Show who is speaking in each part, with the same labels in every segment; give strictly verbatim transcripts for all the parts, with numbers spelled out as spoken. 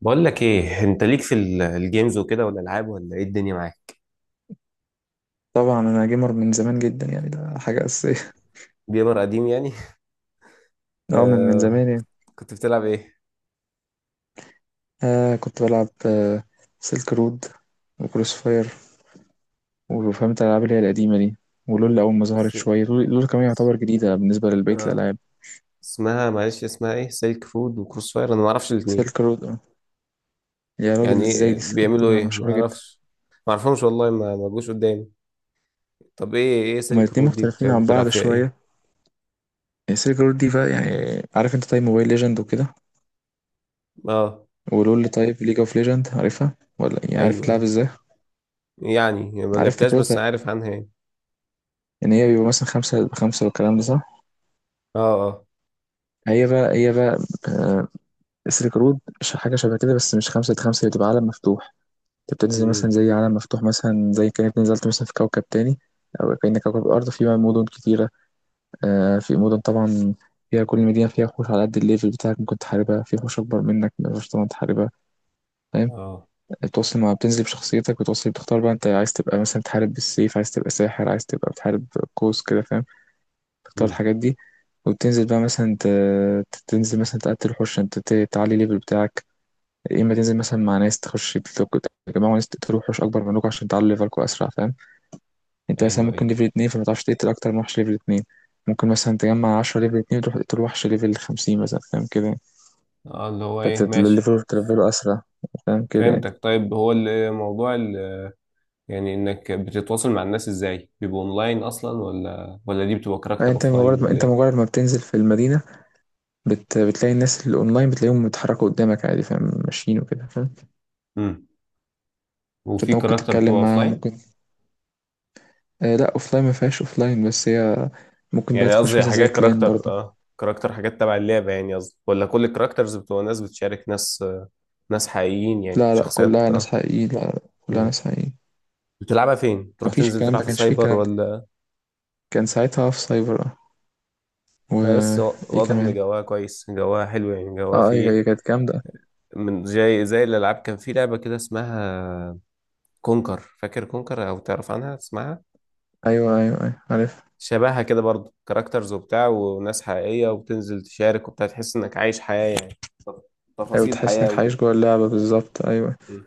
Speaker 1: بقول لك ايه، انت ليك في ال- الجيمز وكده والالعاب، ولا ايه الدنيا معاك؟
Speaker 2: طبعا انا جيمر من زمان جدا، يعني ده حاجه اساسيه.
Speaker 1: جيمر قديم يعني؟
Speaker 2: اه، من من زمان
Speaker 1: آه
Speaker 2: يعني.
Speaker 1: كنت، كنت بتلعب ايه؟
Speaker 2: آه كنت بلعب آه سيلك رود وكروس فاير، وفهمت الالعاب اللي هي القديمه دي. ولول اول ما ظهرت
Speaker 1: س...
Speaker 2: شويه، لول, لول كمان
Speaker 1: س-
Speaker 2: يعتبر جديده بالنسبه لبقيه
Speaker 1: آه.
Speaker 2: الالعاب.
Speaker 1: اسمها معلش، اسمها ايه؟ سلك فود وكروس فاير، انا ما اعرفش الاثنين.
Speaker 2: سيلك رود، آه. يا راجل،
Speaker 1: يعني
Speaker 2: ازاي؟
Speaker 1: ايه،
Speaker 2: دي سيلك رود دي
Speaker 1: بيعملوا ايه؟ ما
Speaker 2: مشهوره جدا.
Speaker 1: اعرفش، ما اعرفهمش والله، ما ما جوش قدامي. طب ايه، ايه
Speaker 2: هما
Speaker 1: سلك
Speaker 2: الاتنين
Speaker 1: رود دي؟ بت-
Speaker 2: مختلفين عن
Speaker 1: بتلعب
Speaker 2: بعض
Speaker 1: فيها ايه؟
Speaker 2: شويه. سيلك رود دي بقى يعني عارف انت طيب موبايل ليجند وكده؟
Speaker 1: اه،
Speaker 2: ولول، طيب ليج اوف ليجند عارفها، ولا يعني عارف
Speaker 1: ايوه،
Speaker 2: تلعب
Speaker 1: أيوة.
Speaker 2: ازاي؟
Speaker 1: يعني يعني ما
Speaker 2: عارف
Speaker 1: لعبتهاش بس
Speaker 2: فكرتها
Speaker 1: عارف عنها يعني.
Speaker 2: ان هي بيبقى مثلا خمسة خمسة والكلام ده، صح؟
Speaker 1: اه اه.
Speaker 2: هي بقى هي بقى آه، السلك رود ش- حاجة شبه كده، بس مش خمسة ضد خمسة، هي بتبقى عالم مفتوح. انت بتنزل مثلا
Speaker 1: امم.
Speaker 2: زي عالم مفتوح، مثلا زي كأنك نزلت مثلا في كوكب تاني. أو كأن كوكب الأرض فيه بقى مدن كتيرة. آه، في مدن طبعا، فيها كل مدينة فيها وحوش على قد الليفل بتاعك، ممكن تحاربها، في وحوش أكبر منك مقدرش طبعا تحاربها، فاهم؟
Speaker 1: اه.
Speaker 2: بتوصل مع بتنزل بشخصيتك، بتوصل بتختار بقى، انت عايز تبقى مثلا تحارب بالسيف، عايز تبقى ساحر، عايز تبقى بتحارب قوس كده فاهم؟ تختار
Speaker 1: امم.
Speaker 2: الحاجات دي. وتنزل بقى مثلا، ت- تنزل مثلا تقتل وحوش، انت ت- تعلي الليفل بتاعك. يا اما تنزل مثلا مع ناس تخش بتلوك، تجمعوا ناس تقتلوا وحوش اكبر منكم عشان تعلوا ليفلكم اسرع، فاهم؟ انت مثلا
Speaker 1: ايوه ايوه.
Speaker 2: ممكن ليفل اتنين، فما تعرفش تقتل اكتر من وحش ليفل اتنين. ممكن مثلا تجمع عشرة ليفل اتنين وتروح تقتل وحش ليفل خمسين مثلا، فاهم كده؟
Speaker 1: اه اللي هو ايه، ماشي.
Speaker 2: فتليفله تليفله اسرع، فاهم كده؟
Speaker 1: فهمتك. طيب هو الموضوع ال- يعني انك بتتواصل مع الناس ازاي؟ بيبقى اونلاين اصلا، ولا ولا دي بتبقى
Speaker 2: يعني
Speaker 1: كاركتر
Speaker 2: انت
Speaker 1: اوفلاين،
Speaker 2: مجرد ما
Speaker 1: ولا
Speaker 2: انت
Speaker 1: ايه؟
Speaker 2: مجرد ما بتنزل في المدينة، بت... بتلاقي الناس اللي اونلاين، بتلاقيهم بيتحركوا قدامك عادي، فاهم؟ ماشيين وكده، فاهم؟
Speaker 1: امم. وفي
Speaker 2: فانت ممكن
Speaker 1: كاركتر بتبقى
Speaker 2: تتكلم معاهم،
Speaker 1: اوفلاين؟
Speaker 2: ممكن. آه لا، اوفلاين ما فيهاش اوفلاين، بس هي ممكن بقى
Speaker 1: يعني
Speaker 2: تخش
Speaker 1: قصدي
Speaker 2: مثلا زي
Speaker 1: حاجات
Speaker 2: كلان
Speaker 1: كاركتر،
Speaker 2: برضه.
Speaker 1: اه كاركتر حاجات تبع اللعبة يعني، قصدي، ولا كل الكاركترز بتبقى ناس بتشارك، ناس آه، ناس حقيقيين يعني،
Speaker 2: لا لا،
Speaker 1: شخصيات
Speaker 2: كلها ناس
Speaker 1: اه.
Speaker 2: حقيقيين، لا لا، كلها
Speaker 1: امم.
Speaker 2: ناس حقيقيين.
Speaker 1: بتلعبها فين؟ بتروح
Speaker 2: مفيش
Speaker 1: تنزل
Speaker 2: الكلام
Speaker 1: تلعب
Speaker 2: ده،
Speaker 1: في
Speaker 2: كانش فيه
Speaker 1: سايبر
Speaker 2: الكلام ده.
Speaker 1: ولا؟
Speaker 2: كان ساعتها في سايبر، اه.
Speaker 1: آه، بس وا-
Speaker 2: وايه
Speaker 1: واضح ان
Speaker 2: كمان.
Speaker 1: جواها كويس، جواها حلو يعني، جواها
Speaker 2: اه ايوه،
Speaker 1: فيه.
Speaker 2: هي كانت جامدة.
Speaker 1: من زي، زي الالعاب كان في لعبة كده اسمها كونكر، فاكر كونكر او تعرف عنها، تسمعها؟
Speaker 2: ايوه ايوه ايوه، عارف.
Speaker 1: شبهها كده برضو، كاركترز وبتاع وناس حقيقية، وبتنزل تشارك وبتاع، تحس انك عايش حياة يعني، تف-
Speaker 2: ايوه،
Speaker 1: تفاصيل
Speaker 2: تحس
Speaker 1: حياة
Speaker 2: انك
Speaker 1: وكده.
Speaker 2: عايش جوه اللعبة بالظبط، ايوه.
Speaker 1: مم.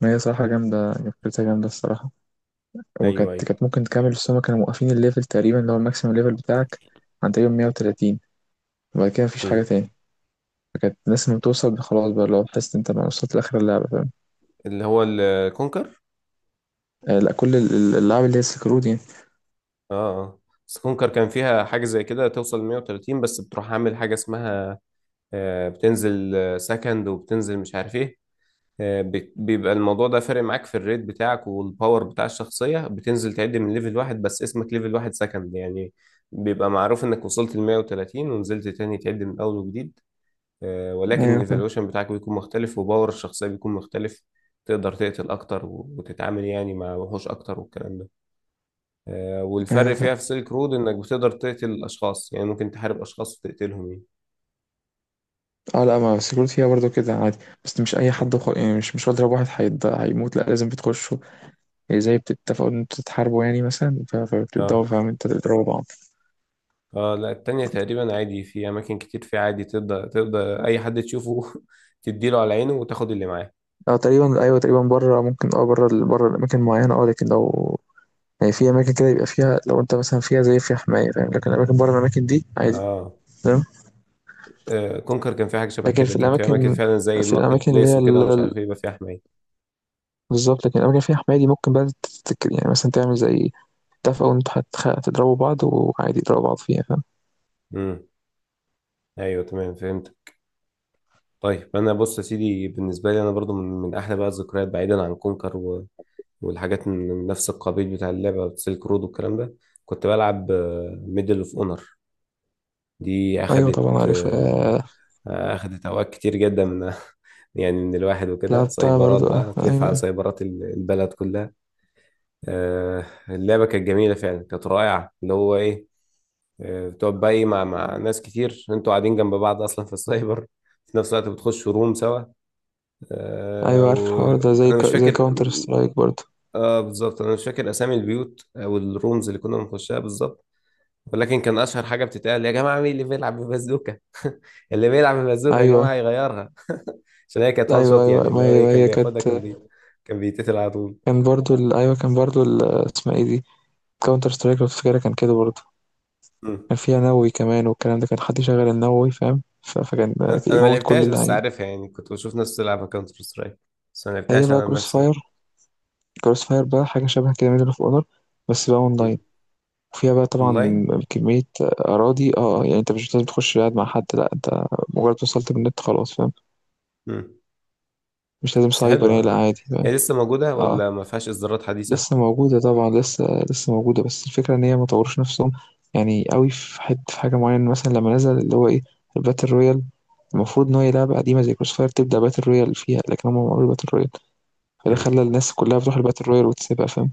Speaker 2: ما هي صراحة جامدة، فكرتها جامدة الصراحة.
Speaker 1: ايوه
Speaker 2: وكانت
Speaker 1: ايوه.
Speaker 2: كانت ممكن تكمل، بس هما كانوا موقفين الليفل تقريبا اللي هو الماكسيمم ليفل بتاعك عند تقريبا مية وتلاتين. وبعد كده مفيش حاجة
Speaker 1: مم.
Speaker 2: تاني. فكانت الناس لما بتوصل خلاص بقى، لو تحس إن انت ما وصلت لاخر اللعبة، فاهم؟
Speaker 1: اللي هو الكونكر؟
Speaker 2: آه لا، كل ال- ال- اللعبة اللي هي سكرود يعني.
Speaker 1: اه اه. بس كونكر كان فيها حاجة زي كده، توصل مية وتلاتين بس بتروح عامل حاجة اسمها آه، بتنزل آه، سكند، وبتنزل مش عارف ايه، آه، بت- بيبقى الموضوع ده فارق معاك في الريت بتاعك والباور بتاع الشخصية، بتنزل تعد من ليفل واحد، بس اسمك ليفل واحد سكند يعني، بيبقى معروف انك وصلت ل مية وتلاتين ونزلت تاني تعد من اول وجديد، آه، ولكن
Speaker 2: ايوه، فاهم.
Speaker 1: الايفالويشن بتاعك بيكون مختلف، وباور الشخصية بيكون مختلف. تقدر تقتل اكتر، و- وتتعامل يعني مع وحوش اكتر والكلام ده، آه،
Speaker 2: ايوه،
Speaker 1: والفرق
Speaker 2: فاهم.
Speaker 1: فيها في سيلك رود انك بتقدر تقتل الاشخاص يعني، ممكن تحارب اشخاص وتقتلهم.
Speaker 2: اه لا، ما السكيورتي فيها برضه كده عادي. بس مش اي حد
Speaker 1: يعني.
Speaker 2: خ... يعني، مش مش بضرب واحد هيض... هيموت، لا، لازم بتخشوا، يعني زي بتتفقوا ان انتوا تتحاربوا، يعني مثلا، ف- فبتبداوا
Speaker 1: اه
Speaker 2: فاهم انت تضربوا بعض.
Speaker 1: اه لا، التانية تقريبا عادي، في أماكن كتير في عادي تقدر، تقدر أي حد تشوفه تديله على عينه وتاخد اللي معاه.
Speaker 2: اه تقريبا، ايوه تقريبا، بره ممكن، اه بره ال- بره الاماكن معينه، اه. لكن لو يعني في اماكن كده، يبقى فيها لو انت مثلا فيها زي فيها حمايه، فاهم؟ لكن الاماكن بره الاماكن دي عادي.
Speaker 1: اه
Speaker 2: تمام.
Speaker 1: آه، كونكر كان في حاجة شبه
Speaker 2: لكن
Speaker 1: كده،
Speaker 2: في
Speaker 1: كان في أماكن
Speaker 2: الاماكن،
Speaker 1: فعلا زي
Speaker 2: في
Speaker 1: الماركت
Speaker 2: الاماكن اللي
Speaker 1: بليس
Speaker 2: هي
Speaker 1: وكده
Speaker 2: ال-
Speaker 1: ومش
Speaker 2: ال-
Speaker 1: عارف ايه، يبقى فيها حماية.
Speaker 2: بالظبط، لكن الاماكن اللي فيها حمايه دي ممكن بقى تتك... يعني مثلا تعمل زي اتفقوا ان انتوا هتخ- هتضربوا بعض، وعادي يضربوا بعض فيها، فاهم؟
Speaker 1: امم. أيوه تمام، فهمت. طيب أنا بص يا سيدي، بالنسبة لي أنا برضو من, من أحلى بقى الذكريات بعيدا عن كونكر و... والحاجات من من نفس القبيل بتاع اللعبة سيلك رود والكلام ده، كنت بلعب ميدل اوف اونر. دي
Speaker 2: ايوه طبعا،
Speaker 1: أخدت
Speaker 2: عارف
Speaker 1: آه،
Speaker 2: آه.
Speaker 1: أخدت أوقات كتير جدا من يعني، من الواحد وكده
Speaker 2: لعبتها
Speaker 1: سايبرات
Speaker 2: برضو،
Speaker 1: بقى،
Speaker 2: اه
Speaker 1: هتلف على
Speaker 2: ايوه.
Speaker 1: سايبرات ال- البلد كلها. آه، اللعبة كانت جميلة فعلا، كانت رائعة اللي هو ايه، آه، بتقعد بقى إيه، مع مع ناس كتير انتوا قاعدين جنب بعض اصلا في السايبر في نفس الوقت، بتخشوا روم سوا، آه،
Speaker 2: ايوه عارف الحوار ده، زي
Speaker 1: وانا
Speaker 2: ك...
Speaker 1: مش
Speaker 2: زي
Speaker 1: فاكر.
Speaker 2: كاونتر سترايك برضو.
Speaker 1: اه بالظبط، انا مش فاكر اسامي البيوت او الرومز اللي كنا بنخشها بالظبط، ولكن كان اشهر حاجه بتتقال: يا جماعه مين اللي بيلعب ببازوكه؟ اللي بيلعب ببازوكه يا جماعه
Speaker 2: ايوه
Speaker 1: يغيرها، عشان هي كانت وان
Speaker 2: ايوه
Speaker 1: شوت
Speaker 2: ايوه،
Speaker 1: يعني،
Speaker 2: ما
Speaker 1: اللي هو
Speaker 2: هي ما
Speaker 1: ايه كان
Speaker 2: هي
Speaker 1: بياخدها
Speaker 2: كانت.
Speaker 1: كان بي، كان بيتقتل على طول.
Speaker 2: كان برضو ال... ايوه، كان برضو ال... اسمها ايه دي، كاونتر سترايك لو تفتكرها، كان كده برضو.
Speaker 1: مم.
Speaker 2: كان فيها نووي كمان والكلام ده، كان حد يشغل النووي فاهم، ف... فكان
Speaker 1: انا أنا ما
Speaker 2: يموت كل
Speaker 1: لعبتهاش بس
Speaker 2: اللعيبه.
Speaker 1: عارفها يعني، كنت بشوف ناس تلعب كاونتر سترايك بس ما
Speaker 2: هي
Speaker 1: لعبتهاش
Speaker 2: بقى
Speaker 1: انا
Speaker 2: كروس
Speaker 1: بنفسي يعني.
Speaker 2: فاير. كروس فاير بقى حاجه شبه كده، ميدل اوف اونر، بس بقى اونلاين.
Speaker 1: مم.
Speaker 2: وفيها بقى
Speaker 1: اونلاين.
Speaker 2: طبعا كمية أراضي، اه آه، يعني انت مش لازم تخش قاعد مع حد، لا، انت مجرد وصلت بالنت خلاص، فاهم؟
Speaker 1: مم.
Speaker 2: مش لازم
Speaker 1: بس
Speaker 2: سايبر يعني، لا،
Speaker 1: حلوه،
Speaker 2: عادي بقى.
Speaker 1: هي لسه موجوده
Speaker 2: اه،
Speaker 1: ولا ما فيهاش اصدارات حديثه؟
Speaker 2: لسه موجودة طبعا، لسه. لسه موجودة، بس الفكرة ان هي ما طوروش نفسهم يعني قوي في حتة، في حاجة معينة مثلا لما نزل اللي هو ايه، الباتل رويال. المفروض ان هي لعبة قديمة زي كروس فاير تبدأ باتل رويال فيها، لكن هم ما عملوا باتل رويال. فده
Speaker 1: مم.
Speaker 2: خلى الناس كلها بتروح الباتل رويال وتسيبها، فاهم؟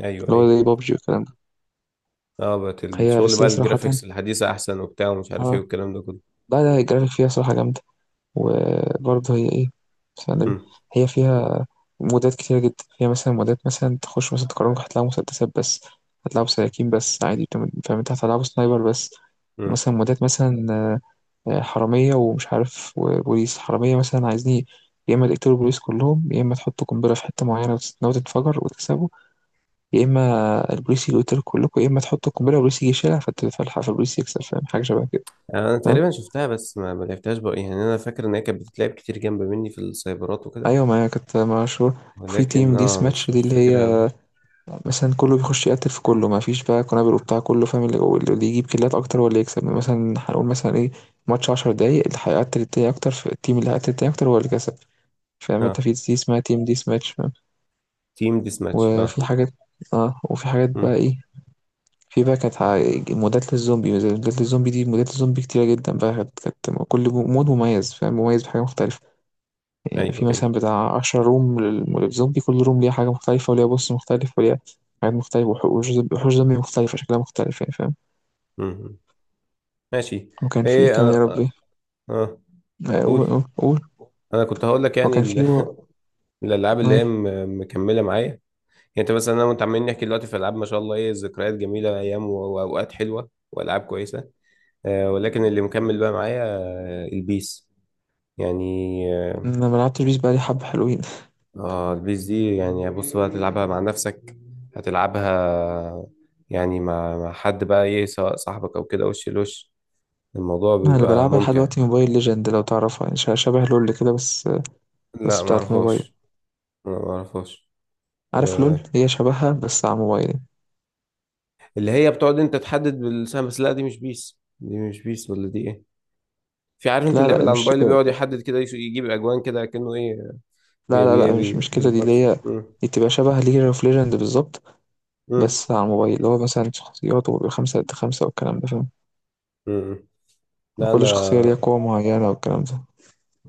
Speaker 1: ايوه
Speaker 2: اللي هو
Speaker 1: ايوه.
Speaker 2: زي بابجي والكلام ده.
Speaker 1: اه بقت
Speaker 2: هي
Speaker 1: الشغل
Speaker 2: بس،
Speaker 1: بقى،
Speaker 2: هي صراحة،
Speaker 1: الجرافيكس الحديثه احسن وبتاع ومش عارف ايه
Speaker 2: اه،
Speaker 1: والكلام ده كله.
Speaker 2: لا لا، الجرافيك فيها صراحة جامدة. وبرضه هي ايه، بسم الله النبي،
Speaker 1: مم.
Speaker 2: هي فيها مودات كتيرة جدا، فيها مثلا مودات، مثلا تخش مثلا تقرنك هتلاقي مسدسات بس، هتلاقوا سكاكين بس عادي، بتم- فاهم؟ انت هتلعبوا سنايبر بس.
Speaker 1: مم.
Speaker 2: مثلا مودات مثلا آه، آه، حرامية ومش عارف، وبوليس حرامية مثلا، عايزين يا إما تقتلوا البوليس كلهم، يا إما تحطوا قنبلة في حتة معينة وتتناول تتفجر وتكسبوا، يا إما البوليس اللي يقتلوا كلكم يا إما تحطوا القنبلة والبوليس يجي يشيلها فت- فالح- فالبوليس يكسب، فاهم؟ حاجة شبه كده،
Speaker 1: يعني انا
Speaker 2: فاهم؟
Speaker 1: تقريبا شفتها بس ما ما لعبتهاش بقى يعني، انا فاكر ان هي كانت بتتلعب كتير جنب مني في السايبرات وكده،
Speaker 2: أيوة، ما هي كانت مشهورة في
Speaker 1: ولكن
Speaker 2: تيم
Speaker 1: اه
Speaker 2: ديس ماتش
Speaker 1: مش
Speaker 2: دي،
Speaker 1: مش
Speaker 2: اللي هي
Speaker 1: فاكرها قوي.
Speaker 2: مثلًا كله بيخش يقتّل في كله، ما فيش بقى قنابل وبتاع، كله فاهم اللي هو اللي يجيب كيلات أكتر هو اللي يكسب. مثلًا هنقول مثلًا إيه، ماتش عشر دقايق، اللي هيقتّل التاني أكتر، ف الteam اللي هيقتّل التاني أكتر هو اللي كسب. فاهم أنت؟
Speaker 1: اه
Speaker 2: في دي اسمها team death match، فاهم؟
Speaker 1: تيم ديس ماتش اه.
Speaker 2: وفي حاجات، آه، وفي حاجات بقى
Speaker 1: مم.
Speaker 2: إيه، في بقى كانت ع مودات للزومبي، مودات للزومبي دي، مودات الزومبي كتيرة جدًا بقى، كانت كانت كل مود مميز فاهم، مميز بحاجة مختلفة. كان في
Speaker 1: ايوه ايوه.
Speaker 2: مثلا بتاع عشرة روم لل- للزومبي، كل روم ليها حاجة مختلفة وليها بوس مختلف وليها حاجات مختلفة، وح- وحوش زومبي وحوش زومبي مختلفة، شكلها مختلف يعني، فاهم؟
Speaker 1: مم. ماشي.
Speaker 2: وكان في إيه
Speaker 1: ايه انا
Speaker 2: كمان، يا
Speaker 1: اه
Speaker 2: ربي.
Speaker 1: آه،
Speaker 2: آه، قول
Speaker 1: قول.
Speaker 2: قول قول.
Speaker 1: انا كنت هقول لك يعني
Speaker 2: وكان في
Speaker 1: ال-
Speaker 2: و...
Speaker 1: الالعاب
Speaker 2: ما
Speaker 1: اللي هي
Speaker 2: إيه؟
Speaker 1: م- مكمله معايا يعني. انت مثلا انا وانت عمالين نحكي دلوقتي في العاب ما شاء الله، ايه ذكريات جميله، ايام و- واوقات حلوه والعاب كويسه، آه، ولكن اللي مكمل بقى معايا آه البيس يعني، آه.
Speaker 2: أنا ملعبتش بيس بقالي حبة حلوين.
Speaker 1: اه البيس دي يعني، بص بقى تلعبها مع نفسك، هتلعبها يعني مع، مع حد بقى ايه، سواء صاحبك او كده وش لوش، الموضوع
Speaker 2: أنا اللي
Speaker 1: بيبقى
Speaker 2: بلعبها لحد
Speaker 1: ممتع.
Speaker 2: دلوقتي موبايل ليجند، لو تعرفها يعني، ش- شبه لول كده بس.
Speaker 1: لا
Speaker 2: بس
Speaker 1: ما
Speaker 2: بتاعة الموبايل.
Speaker 1: اعرفهاش، ما اعرفهاش.
Speaker 2: عارف لول،
Speaker 1: آه.
Speaker 2: هي شبهها بس على موبايل.
Speaker 1: اللي هي بتقعد انت تحدد بالسهم بس؟ لا دي مش بيس، دي مش بيس ولا دي ايه؟ في، عارف انت
Speaker 2: لا
Speaker 1: اللعبة
Speaker 2: لا،
Speaker 1: اللي على
Speaker 2: مش
Speaker 1: الموبايل اللي
Speaker 2: كده.
Speaker 1: بيقعد يحدد كده، يش- يجيب اجوان كده كأنه ايه،
Speaker 2: لا
Speaker 1: بي
Speaker 2: لا
Speaker 1: بي
Speaker 2: لا، مش
Speaker 1: بي
Speaker 2: مش كده. دي اللي
Speaker 1: بالتاتش.
Speaker 2: هي،
Speaker 1: مم.
Speaker 2: دي تبقى شبه ليج اوف ليجند بالظبط،
Speaker 1: مم.
Speaker 2: بس على الموبايل. اللي هو مثلا شخصيات، وبيبقى خمسة ضد خمسة والكلام ده، فاهم؟
Speaker 1: مم. لا انا،
Speaker 2: كل شخصية ليها قوة معينة والكلام ده.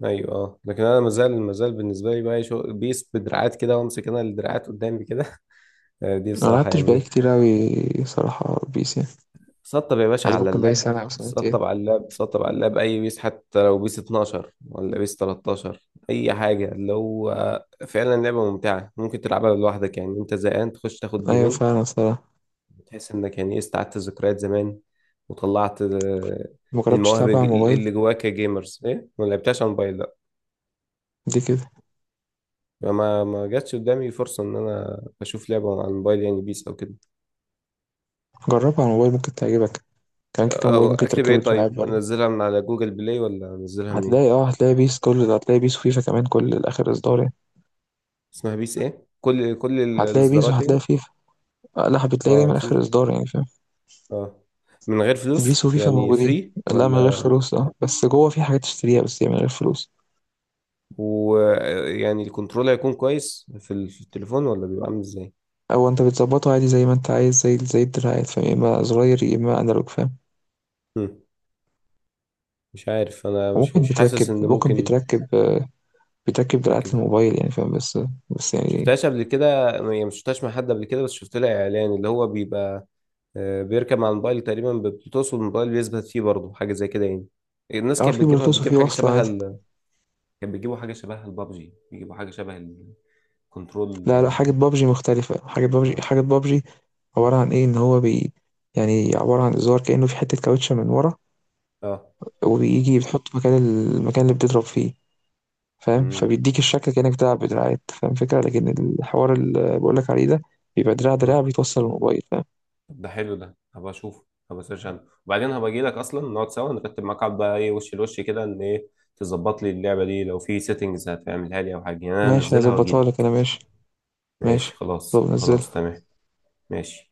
Speaker 1: ايوه اه لكن انا مازال مازال بالنسبه لي بقى شغل بيس بدراعات كده، وامسك انا الدراعات قدامي كده، آه، دي
Speaker 2: أنا
Speaker 1: بصراحه
Speaker 2: ملعبتش
Speaker 1: يعني
Speaker 2: بقالي
Speaker 1: ايه،
Speaker 2: كتير أوي صراحة بيس يعني.
Speaker 1: سطب يا باشا
Speaker 2: عايز،
Speaker 1: على
Speaker 2: ممكن بقالي
Speaker 1: اللاب،
Speaker 2: سنة أو
Speaker 1: سطب
Speaker 2: سنتين.
Speaker 1: على اللاب، سطب على اللاب اي بيس، حتى لو بيس اتناشر ولا بيس تلتاشر، اي حاجه، اللي هو فعلا لعبه ممتعه، ممكن تلعبها لوحدك يعني، انت زهقان تخش تاخد
Speaker 2: أيوة
Speaker 1: جيمين،
Speaker 2: فعلا، صراحة.
Speaker 1: تحس انك يعني ايه استعدت ذكريات زمان، وطلعت آه،
Speaker 2: مجربتش
Speaker 1: المواهب
Speaker 2: تلعبها
Speaker 1: الج-
Speaker 2: على الموبايل؟
Speaker 1: اللي جواك يا جيمرز ايه. ما لعبتهاش على الموبايل
Speaker 2: دي كده.
Speaker 1: يعني، ما ما جاتش قدامي فرصة إن أنا أشوف لعبة على الموبايل، يعني بيس أو كده.
Speaker 2: جربها على الموبايل، ممكن تعجبك. كان كده، كان موبايل
Speaker 1: أه،
Speaker 2: ممكن
Speaker 1: أكتب
Speaker 2: تركبه
Speaker 1: إيه
Speaker 2: وتلعب
Speaker 1: طيب؟
Speaker 2: برضه.
Speaker 1: أنزلها من على جوجل بلاي ولا أنزلها
Speaker 2: هتلاقي،
Speaker 1: منين؟
Speaker 2: اه هتلاقي بيس، كل، هتلاقي بيس وفيفا كمان، كل آخر إصدار يعني.
Speaker 1: اسمها بيس إيه؟ كل كل ال-
Speaker 2: هتلاقي بيس
Speaker 1: الإصدارات يعني؟
Speaker 2: وهتلاقي فيفا. آه، لا، بتلاقي
Speaker 1: أه
Speaker 2: دايما آخر
Speaker 1: فيفا؟
Speaker 2: إصدار، يعني فاهم؟
Speaker 1: أه، من غير فلوس؟
Speaker 2: بيس وفيفا
Speaker 1: يعني
Speaker 2: موجودين.
Speaker 1: فري
Speaker 2: لا، من غير
Speaker 1: ولا؟
Speaker 2: فلوس، اه، بس جوه في حاجات تشتريها، بس هي من غير فلوس.
Speaker 1: ويعني الكنترول هيكون كويس في ال- في التليفون، ولا بيبقى عامل إزاي؟
Speaker 2: او انت بتظبطه عادي زي ما انت عايز، زي زي الدراعات فاهم، يا اما زراير يا اما انالوج، فاهم؟
Speaker 1: هم، مش عارف، أنا مش
Speaker 2: وممكن
Speaker 1: مش حاسس
Speaker 2: بتركب،
Speaker 1: إن
Speaker 2: ممكن
Speaker 1: ممكن
Speaker 2: بتركب آه، بتركب دراعات
Speaker 1: أركبها.
Speaker 2: للموبايل يعني، فاهم؟ بس، بس يعني،
Speaker 1: شفتهاش قبل كده يعني، مش شفتهاش مع حد قبل كده، بس شفت لها إعلان اللي هو بيبقى آه، بيركب مع الموبايل تقريبا، بتوصل الموبايل، بيثبت فيه برضه حاجه زي كده يعني، الناس
Speaker 2: اه،
Speaker 1: كانت
Speaker 2: في
Speaker 1: بتجيبها،
Speaker 2: بلوتوث
Speaker 1: بتجيب
Speaker 2: وفي
Speaker 1: حاجه
Speaker 2: وصلة
Speaker 1: شبه
Speaker 2: عادي.
Speaker 1: ال... كانت بتجيبوا حاجه شبه البابجي، بيجيبوا حاجه شبه الكنترول.
Speaker 2: لا لا، حاجة بابجي مختلفة. حاجة بابجي،
Speaker 1: اه
Speaker 2: حاجة بابجي عبارة عن ايه، ان هو بي يعني عبارة عن زرار كأنه في حتة كاوتشة من ورا،
Speaker 1: اه.
Speaker 2: وبيجي بتحط مكان، المكان اللي بتضرب فيه، فاهم؟
Speaker 1: امم.
Speaker 2: فبيديك الشكل كأنك بتلعب بدراعات، فاهم فكرة؟ لكن الحوار اللي بقولك عليه ده بيبقى دراع
Speaker 1: أمم.
Speaker 2: دراع بيتوصل للموبايل، فاهم؟
Speaker 1: طب ده حلو، ده هبقى اشوفه، هبقى اسيرش عنه وبعدين هبقى اجي لك، اصلا نقعد سوا نرتب معاك، قعد بقى ايه وش لوش كده ان ايه، تظبط لي اللعبه دي لو في سيتنجز هتعملها لي او حاجه يعني، انا
Speaker 2: ماشي،
Speaker 1: انزلها واجي
Speaker 2: هظبطها
Speaker 1: لي.
Speaker 2: لك انا، ماشي. ماشي.
Speaker 1: ماشي خلاص،
Speaker 2: طب نزل.
Speaker 1: خلاص تمام. ماشي.